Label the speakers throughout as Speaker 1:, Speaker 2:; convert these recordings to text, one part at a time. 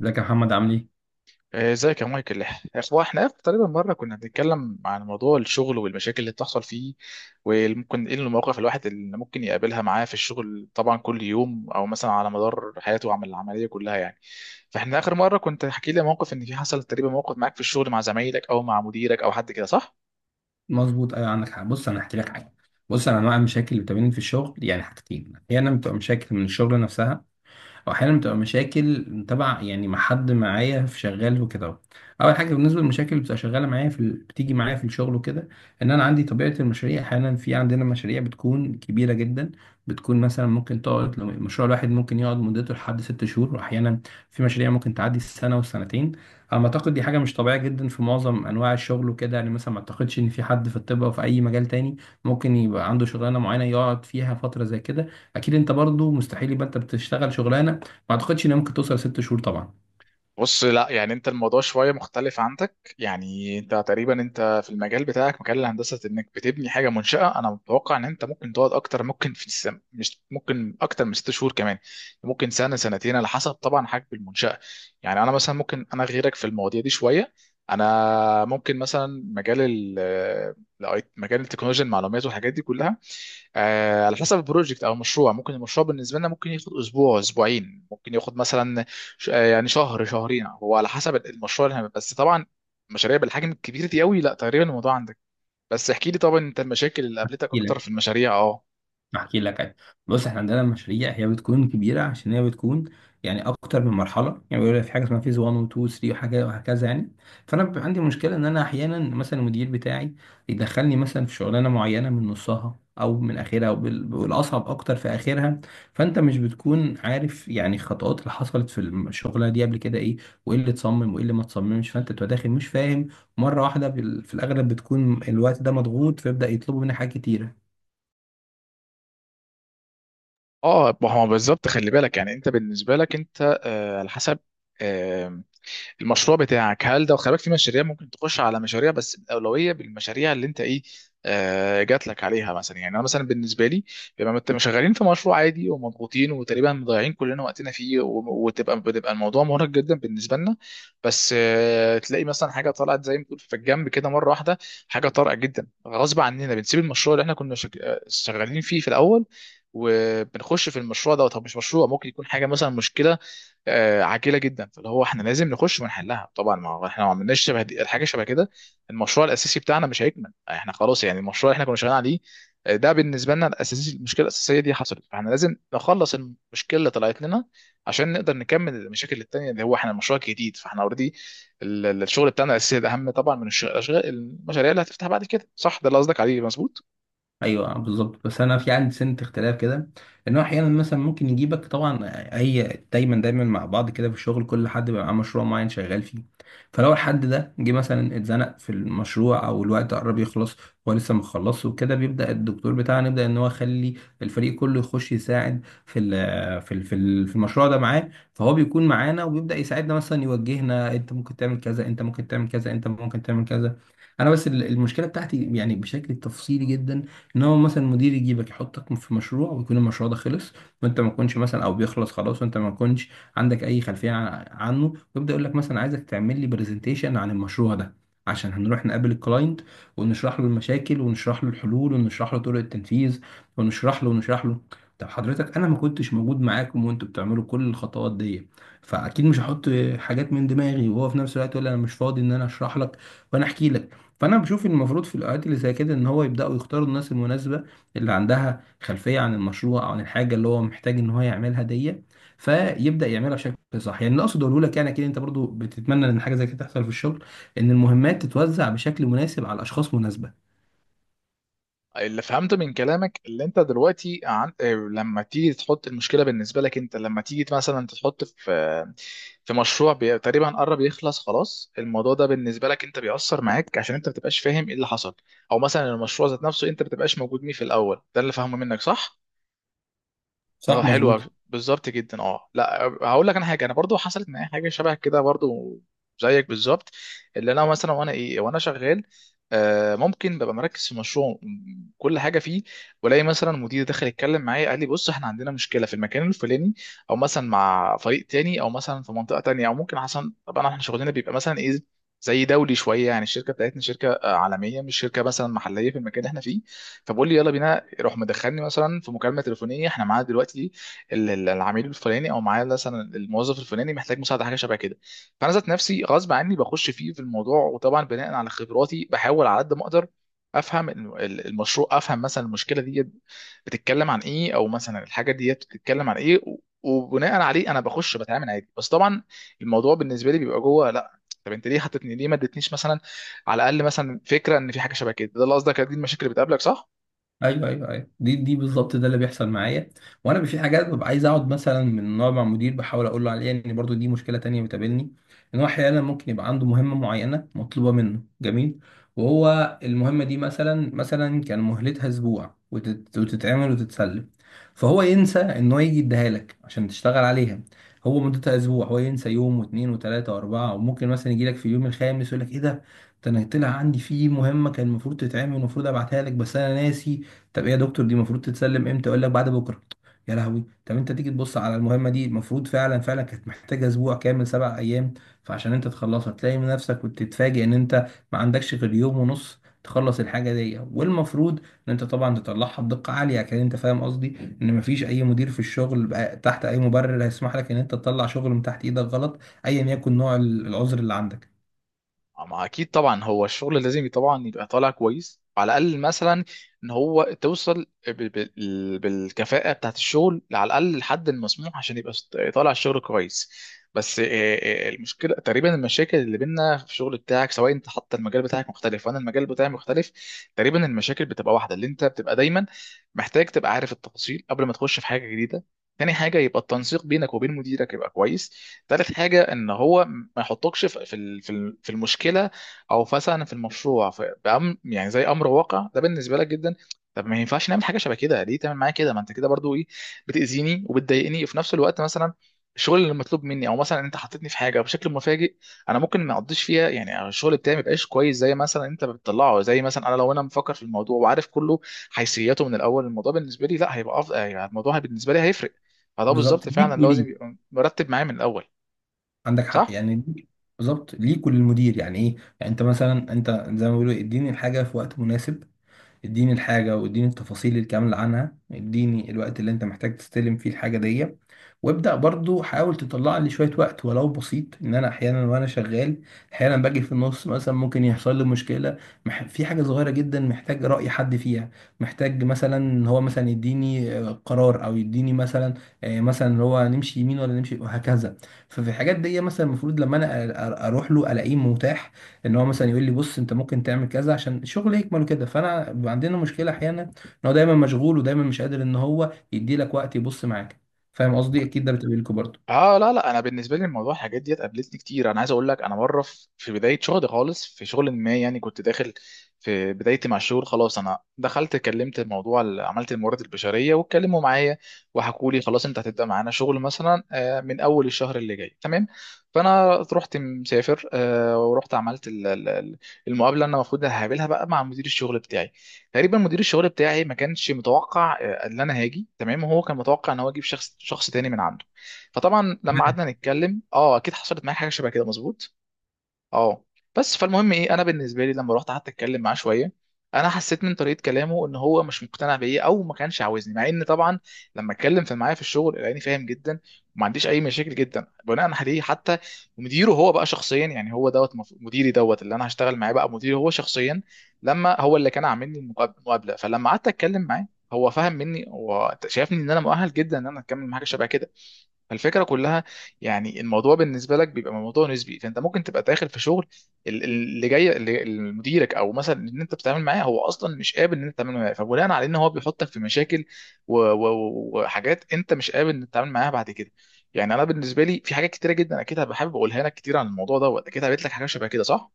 Speaker 1: ازيك يا محمد؟ عامل ايه؟
Speaker 2: ازيك يا مايكل. اخوة احنا اخر تقريبا مره كنا بنتكلم عن موضوع الشغل والمشاكل اللي بتحصل فيه، وممكن ايه المواقف الواحد اللي ممكن يقابلها معاه في الشغل طبعا كل يوم او مثلا على مدار حياته عمل العمليه كلها يعني. فاحنا اخر مره كنت حكي لي موقف ان في حصل تقريبا موقف معاك في الشغل مع زمايلك او مع مديرك او حد كده، صح؟
Speaker 1: مظبوط، ايوه، عندك حق. بص، انا هحكي لك حاجه. بص، انا انواع المشاكل اللي بتقابلني في الشغل يعني حاجتين. احيانا بتبقى مشاكل من الشغل نفسها، واحيانا بتبقى مشاكل تبع يعني مع حد معايا في شغال وكده. اول حاجه بالنسبه للمشاكل اللي بتبقى شغاله معايا بتيجي معايا في الشغل وكده، ان انا عندي طبيعه المشاريع. احيانا في عندنا مشاريع بتكون كبيره جدا، بتكون مثلا ممكن تقعد، لو المشروع الواحد ممكن يقعد مدته لحد 6 شهور، واحيانا في مشاريع ممكن تعدي السنه والسنتين. على ما اعتقد دي حاجه مش طبيعيه جدا في معظم انواع الشغل وكده، يعني مثلا ما اعتقدش ان في حد في الطب او في اي مجال تاني ممكن يبقى عنده شغلانه معينه يقعد فيها فتره زي كده. اكيد انت برضو مستحيل يبقى انت بتشتغل شغلانه ما اعتقدش انها ممكن توصل 6 شهور طبعا.
Speaker 2: بص، لا يعني انت الموضوع شويه مختلف عندك، يعني انت تقريبا انت في المجال بتاعك مجال الهندسه انك بتبني حاجه منشاه، انا متوقع ان انت ممكن تقعد اكتر، ممكن مش ممكن اكتر من ست شهور كمان، ممكن سنه سنتين على حسب طبعا حجم المنشاه. يعني انا مثلا ممكن انا غيرك في المواضيع دي شويه. انا ممكن مثلا مجال ال مجال التكنولوجيا المعلومات والحاجات دي كلها. على حسب البروجكت او المشروع، ممكن المشروع بالنسبه لنا ممكن ياخد اسبوع اسبوعين، ممكن ياخد مثلا يعني شهر شهرين، هو على حسب المشروع اللي هنعمله. بس طبعا مشاريع بالحجم الكبير دي قوي لا، تقريبا الموضوع عندك. بس احكي لي طبعا انت المشاكل اللي قابلتك اكتر في المشاريع. اه،
Speaker 1: احكي لك أي. بص، احنا عندنا مشاريع هي بتكون كبيره عشان هي بتكون يعني اكتر من مرحله، يعني بيقول لك في حاجه اسمها فيز 1 و 2 و 3 وحاجه وهكذا يعني. فانا بيبقى عندي مشكله ان انا احيانا مثلا المدير بتاعي يدخلني مثلا في شغلانه معينه من نصها او من اخرها او والاصعب اكتر في اخرها. فانت مش بتكون عارف يعني الخطوات اللي حصلت في الشغله دي قبل كده ايه، وايه اللي اتصمم وايه اللي ما اتصممش، فانت بتبقى داخل مش فاهم مره واحده. في الاغلب بتكون الوقت ده مضغوط، فيبدا يطلبوا منك حاجات كتيره.
Speaker 2: اه، ما هو بالظبط، خلي بالك يعني انت بالنسبه لك انت، على حسب المشروع بتاعك، هل ده خلي بالك في مشاريع ممكن تخش على مشاريع بس الاولويه بالمشاريع اللي انت ايه، جات لك عليها. مثلا يعني انا مثلا بالنسبه لي بما انت شغالين في مشروع عادي ومضغوطين وتقريبا مضيعين كلنا وقتنا فيه، وتبقى بتبقى الموضوع مرهق جدا بالنسبه لنا، بس تلاقي مثلا حاجه طلعت زي ما تقول في الجنب كده مره واحده، حاجه طارئه جدا غصب عننا بنسيب المشروع اللي احنا كنا شغالين فيه في الاول، وبنخش في المشروع ده. طب مش مشروع ممكن يكون حاجه مثلا مشكله عاجله جدا، فاللي هو احنا لازم نخش ونحلها. طبعا ما هو احنا ما عملناش شبه دي الحاجه شبه كده، المشروع الاساسي بتاعنا مش هيكمل، احنا خلاص، يعني المشروع اللي احنا كنا شغالين عليه ده بالنسبه لنا الاساسي، المشكله الاساسيه دي حصلت، فاحنا لازم نخلص المشكله اللي طلعت لنا عشان نقدر نكمل المشاكل التانيه اللي هو احنا المشروع الجديد. فاحنا اوريدي الشغل بتاعنا الاساسي ده اهم طبعا من الشغل الاشغال المشاريع اللي هتفتح بعد كده، صح؟ ده اللي قصدك عليه مظبوط.
Speaker 1: ايوه بالظبط. بس انا في عندي سنه اختلاف كده، ان هو احيانا مثلا ممكن يجيبك طبعا. هي دايما دايما مع بعض كده في الشغل، كل حد بيبقى معاه مشروع معين شغال فيه. فلو الحد ده جه مثلا اتزنق في المشروع او الوقت قرب يخلص، هو لسه مخلصش وكده، بيبدا الدكتور بتاعنا يبدا ان هو يخلي الفريق كله يخش يساعد في المشروع ده معاه. فهو بيكون معانا وبيبدا يساعدنا، مثلا يوجهنا، انت ممكن تعمل كذا، انت ممكن تعمل كذا، انت ممكن تعمل كذا. انا بس المشكله بتاعتي يعني بشكل تفصيلي جدا، ان هو مثلا مدير يجيبك يحطك في مشروع ويكون المشروع ده خلص، وانت ما تكونش مثلا، او بيخلص خلاص وانت ما تكونش عندك اي خلفيه عنه، ويبدا يقول لك مثلا عايزك تعمل لي برزنتيشن عن المشروع ده، عشان هنروح نقابل الكلاينت ونشرح له المشاكل ونشرح له الحلول ونشرح له طرق التنفيذ ونشرح له ونشرح له. طب حضرتك، انا ما كنتش موجود معاكم وانتوا بتعملوا كل الخطوات دي، فاكيد مش هحط حاجات من دماغي، وهو في نفس الوقت يقول لي انا مش فاضي ان انا اشرح لك وانا احكي لك. فانا بشوف إن المفروض في الاوقات اللي زي كده ان هو يبداوا يختاروا الناس المناسبه اللي عندها خلفيه عن المشروع او عن الحاجه اللي هو محتاج ان هو يعملها دي، فيبدا يعملها بشكل صح. يعني اللي اقصد اقوله لك يعني كده، انت برضو بتتمنى ان حاجه زي كده تحصل في الشغل، ان المهمات تتوزع بشكل مناسب على اشخاص مناسبه.
Speaker 2: اللي فهمته من كلامك اللي انت دلوقتي عن... اه، لما تيجي تحط المشكله بالنسبه لك انت، لما تيجي مثلا تحط في في مشروع بي... تقريبا قرب يخلص خلاص، الموضوع ده بالنسبه لك انت بيأثر معاك عشان انت ما بتبقاش فاهم ايه اللي حصل، او مثلا المشروع ذات نفسه انت ما بتبقاش موجود فيه في الاول، ده اللي فاهمه منك، صح؟ اه،
Speaker 1: صح،
Speaker 2: حلو أوي.
Speaker 1: مظبوط.
Speaker 2: بالظبط جدا. اه لا، هقول لك انا حاجه، انا برضو حصلت معايا حاجه شبه كده برضو زيك بالظبط. اللي انا مثلا وانا ايه وانا شغال، ممكن ببقى مركز في مشروع كل حاجه فيه، والاقي مثلا مدير دخل يتكلم معايا قال لي بص احنا عندنا مشكله في المكان الفلاني، او مثلا مع فريق تاني، او مثلا في منطقه تانيه، او ممكن حسن طبعا احنا شغلنا بيبقى مثلا ايه زي دولي شويه، يعني الشركه بتاعتنا شركه عالميه مش شركه مثلا محليه في المكان اللي احنا فيه. فبقول لي يلا بينا روح، مدخلني مثلا في مكالمه تليفونيه احنا معانا دلوقتي العميل الفلاني، او معايا مثلا الموظف الفلاني محتاج مساعده، حاجه شبه كده. فانا ذات نفسي غصب عني بخش فيه في الموضوع، وطبعا بناء على خبراتي بحاول على قد ما اقدر افهم المشروع، افهم مثلا المشكله دي بتتكلم عن ايه، او مثلا الحاجه دي بتتكلم عن ايه، وبناء عليه انا بخش بتعامل عادي. بس طبعا الموضوع بالنسبه لي بيبقى جوه، لا طب انت ليه حطيتني، ليه ما ادتنيش مثلا على الاقل مثلا فكره ان في حاجه شبه كده؟ ده اللي قصدك، دي المشاكل اللي بتقابلك، صح؟
Speaker 1: ايوه ايوه ايوه، دي بالظبط ده اللي بيحصل معايا. وانا في حاجات ببقى عايز اقعد مثلا من نوع مع مدير بحاول اقول له عليها، ان برضو دي مشكله تانية بتقابلني، ان هو احيانا ممكن يبقى عنده مهمه معينه مطلوبه منه، جميل، وهو المهمه دي مثلا كان مهلتها اسبوع وتتعمل وتتسلم، فهو ينسى ان هو يجي يديها لك عشان تشتغل عليها. هو مدتها اسبوع، هو ينسى يوم واثنين وثلاثه واربعه، وممكن مثلا يجي لك في اليوم الخامس يقول لك ايه ده، ده انا طلع عندي في مهمه كان المفروض تتعمل، المفروض ابعتها لك بس انا ناسي. طب ايه يا دكتور، دي المفروض تتسلم امتى؟ يقول لك بعد بكره. يا لهوي! طب انت تيجي تبص على المهمه دي المفروض، فعلا فعلا كانت محتاجه اسبوع كامل، 7 ايام. فعشان انت تخلصها تلاقي من نفسك وتتفاجئ ان انت ما عندكش غير يوم ونص تخلص الحاجه دي، والمفروض ان انت طبعا تطلعها بدقه عاليه. كان انت فاهم قصدي، ان مفيش اي مدير في الشغل بقى تحت اي مبرر هيسمح لك ان انت تطلع شغل من تحت ايدك غلط، ايا يكن نوع العذر اللي عندك.
Speaker 2: ما اكيد طبعا هو الشغل لازم طبعا يبقى طالع كويس، على الاقل مثلا ان هو توصل بالكفاءه بتاعت الشغل على الاقل لحد المسموح عشان يبقى طالع الشغل كويس. بس المشكله تقريبا المشاكل اللي بينا في الشغل بتاعك، سواء انت حتى المجال بتاعك مختلف وانا المجال بتاعي مختلف، تقريبا المشاكل بتبقى واحده. اللي انت بتبقى دايما محتاج تبقى عارف التفاصيل قبل ما تخش في حاجه جديده. تاني حاجه يبقى التنسيق بينك وبين مديرك يبقى كويس. تالت حاجه ان هو ما يحطكش في في المشكله، او مثلا في المشروع في بأم يعني زي امر واقع، ده بالنسبه لك جدا. طب ما ينفعش نعمل حاجه شبه كده، ليه تعمل معايا كده؟ ما انت كده برضو ايه، بتاذيني وبتضايقني في نفس الوقت. مثلا الشغل اللي مطلوب مني، او مثلا انت حطيتني في حاجه بشكل مفاجئ، انا ممكن ما اقضيش فيها، يعني الشغل بتاعي ما يبقاش كويس زي مثلا انت بتطلعه، زي مثلا انا لو انا مفكر في الموضوع وعارف كله حيثياته من الاول، الموضوع بالنسبه لي لا هيبقى افضل، يعني الموضوع بالنسبه لي هيفرق. فده
Speaker 1: بالظبط
Speaker 2: بالظبط
Speaker 1: ليك
Speaker 2: فعلا
Speaker 1: وليه.
Speaker 2: لازم يبقى مرتب معايا من الاول.
Speaker 1: عندك حق
Speaker 2: صح،
Speaker 1: يعني دي. بالظبط ليك وللمدير، يعني ايه؟ يعني انت مثلا انت زي ما بيقولوا، اديني الحاجه في وقت مناسب، اديني الحاجة واديني التفاصيل الكاملة عنها، اديني الوقت اللي انت محتاج تستلم فيه الحاجة دي. وابدأ، برضو حاول تطلع لي شوية وقت ولو بسيط، ان انا احيانا وانا شغال احيانا باجي في النص، مثلا ممكن يحصل لي مشكلة، في حاجة صغيرة جدا محتاج رأي حد فيها، محتاج مثلا ان هو مثلا يديني قرار، او يديني مثلا مثلا، إن هو نمشي يمين ولا نمشي وهكذا. ففي الحاجات دي مثلا المفروض لما انا اروح له الاقيه متاح، ان هو مثلا يقول لي بص انت ممكن تعمل كذا عشان الشغل يكمل كده. فانا بيبقى عندنا مشكله احيانا ان هو دايما مشغول ودايما مش قادر ان هو يدي لك وقت يبص معاك. فاهم قصدي؟ اكيد ده بتقابلكوا برضه.
Speaker 2: اه لا لا، انا بالنسبه لي الموضوع الحاجات ديت قابلتني كتير. انا عايز اقول لك، انا مره في بدايه شغلي خالص في شغل ما، يعني كنت داخل في بدايتي مع الشغل خلاص، انا دخلت كلمت الموضوع عملت الموارد البشريه واتكلموا معايا وحكوا لي خلاص انت هتبدا معانا شغل مثلا من اول الشهر اللي جاي تمام. فانا رحت مسافر ورحت عملت المقابله اللي انا المفروض هقابلها بقى مع مدير الشغل بتاعي. تقريبا مدير الشغل بتاعي ما كانش متوقع ان انا هاجي، تمام؟ هو كان متوقع ان هو يجيب شخص تاني من عنده. فطبعا لما قعدنا نتكلم، اه اكيد حصلت معايا حاجه شبه كده مظبوط. اه، بس فالمهم ايه، انا بالنسبه لي لما رحت قعدت اتكلم معاه شويه، انا حسيت من طريقه كلامه ان هو مش مقتنع بيا او ما كانش عاوزني، مع ان طبعا لما اتكلم في معايا في الشغل لقاني فاهم جدا وما عنديش اي مشاكل جدا، بناء عليه حتى مديره هو بقى شخصيا، يعني هو دوت مديري دوت اللي انا هشتغل معاه بقى مديري هو شخصيا، لما هو اللي كان عامل لي المقابله. فلما قعدت اتكلم معاه هو فهم مني وشايفني ان انا مؤهل جدا ان انا اكمل مع حاجه شبه كده. فالفكره كلها، يعني الموضوع بالنسبه لك بيبقى موضوع نسبي، فانت ممكن تبقى داخل في شغل اللي جاي، اللي مديرك او مثلا اللي انت بتتعامل معاه هو اصلا مش قابل ان انت تتعامل معاه، فبناء على ان هو بيحطك في مشاكل وحاجات انت مش قابل ان تتعامل معاها بعد كده. يعني انا بالنسبه لي في حاجات كتيره جدا اكيد هبقى حابب اقولها لك كتير عن الموضوع دوت. اكيد قابلت لك حاجه شبه كده، صح؟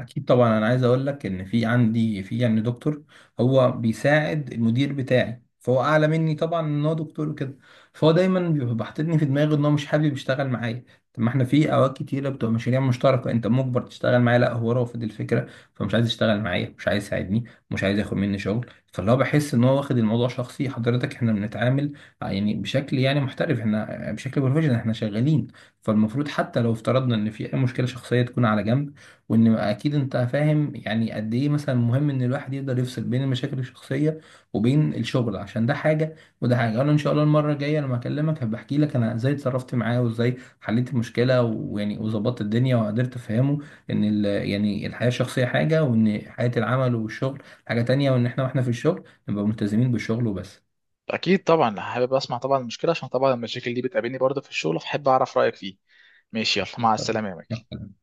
Speaker 1: اكيد طبعا. انا عايز اقول لك ان في عندي في يعني دكتور هو بيساعد المدير بتاعي، فهو اعلى مني طبعا ان هو دكتور وكده، فهو دايما بيبقى حاططني في دماغه ان هو مش حابب يشتغل معايا. طب ما احنا في اوقات كتيره بتبقى مشاريع مشتركه انت مجبر تشتغل معايا، لا، هو رافض الفكره، فمش عايز يشتغل معايا، مش عايز يساعدني، مش عايز ياخد مني شغل. فاللي هو بحس ان هو واخد الموضوع شخصي. حضرتك، احنا بنتعامل يعني بشكل يعني محترف، احنا بشكل بروفيشنال احنا شغالين، فالمفروض حتى لو افترضنا ان في اي مشكله شخصيه تكون على جنب. وان اكيد انت فاهم يعني قد ايه مثلا مهم ان الواحد يقدر يفصل بين المشاكل الشخصيه وبين الشغل، عشان ده حاجه وده حاجه. انا ان شاء الله المره الجايه لما اكلمك هبقى احكي لك انا ازاي اتصرفت معاه وازاي حليت المشكله، ويعني وظبطت الدنيا وقدرت افهمه يعني الحياه الشخصيه حاجه، وان حياه العمل والشغل حاجه تانية، وان احنا واحنا في الشغل نبقى ملتزمين بالشغل وبس.
Speaker 2: اكيد طبعا حابب اسمع طبعا المشكله، عشان طبعا المشاكل دي بتقابلني برضه في الشغل، فحب اعرف رايك فيه. ماشي، يلا
Speaker 1: إن
Speaker 2: مع
Speaker 1: شاء
Speaker 2: السلامه يا مايكل.
Speaker 1: الله.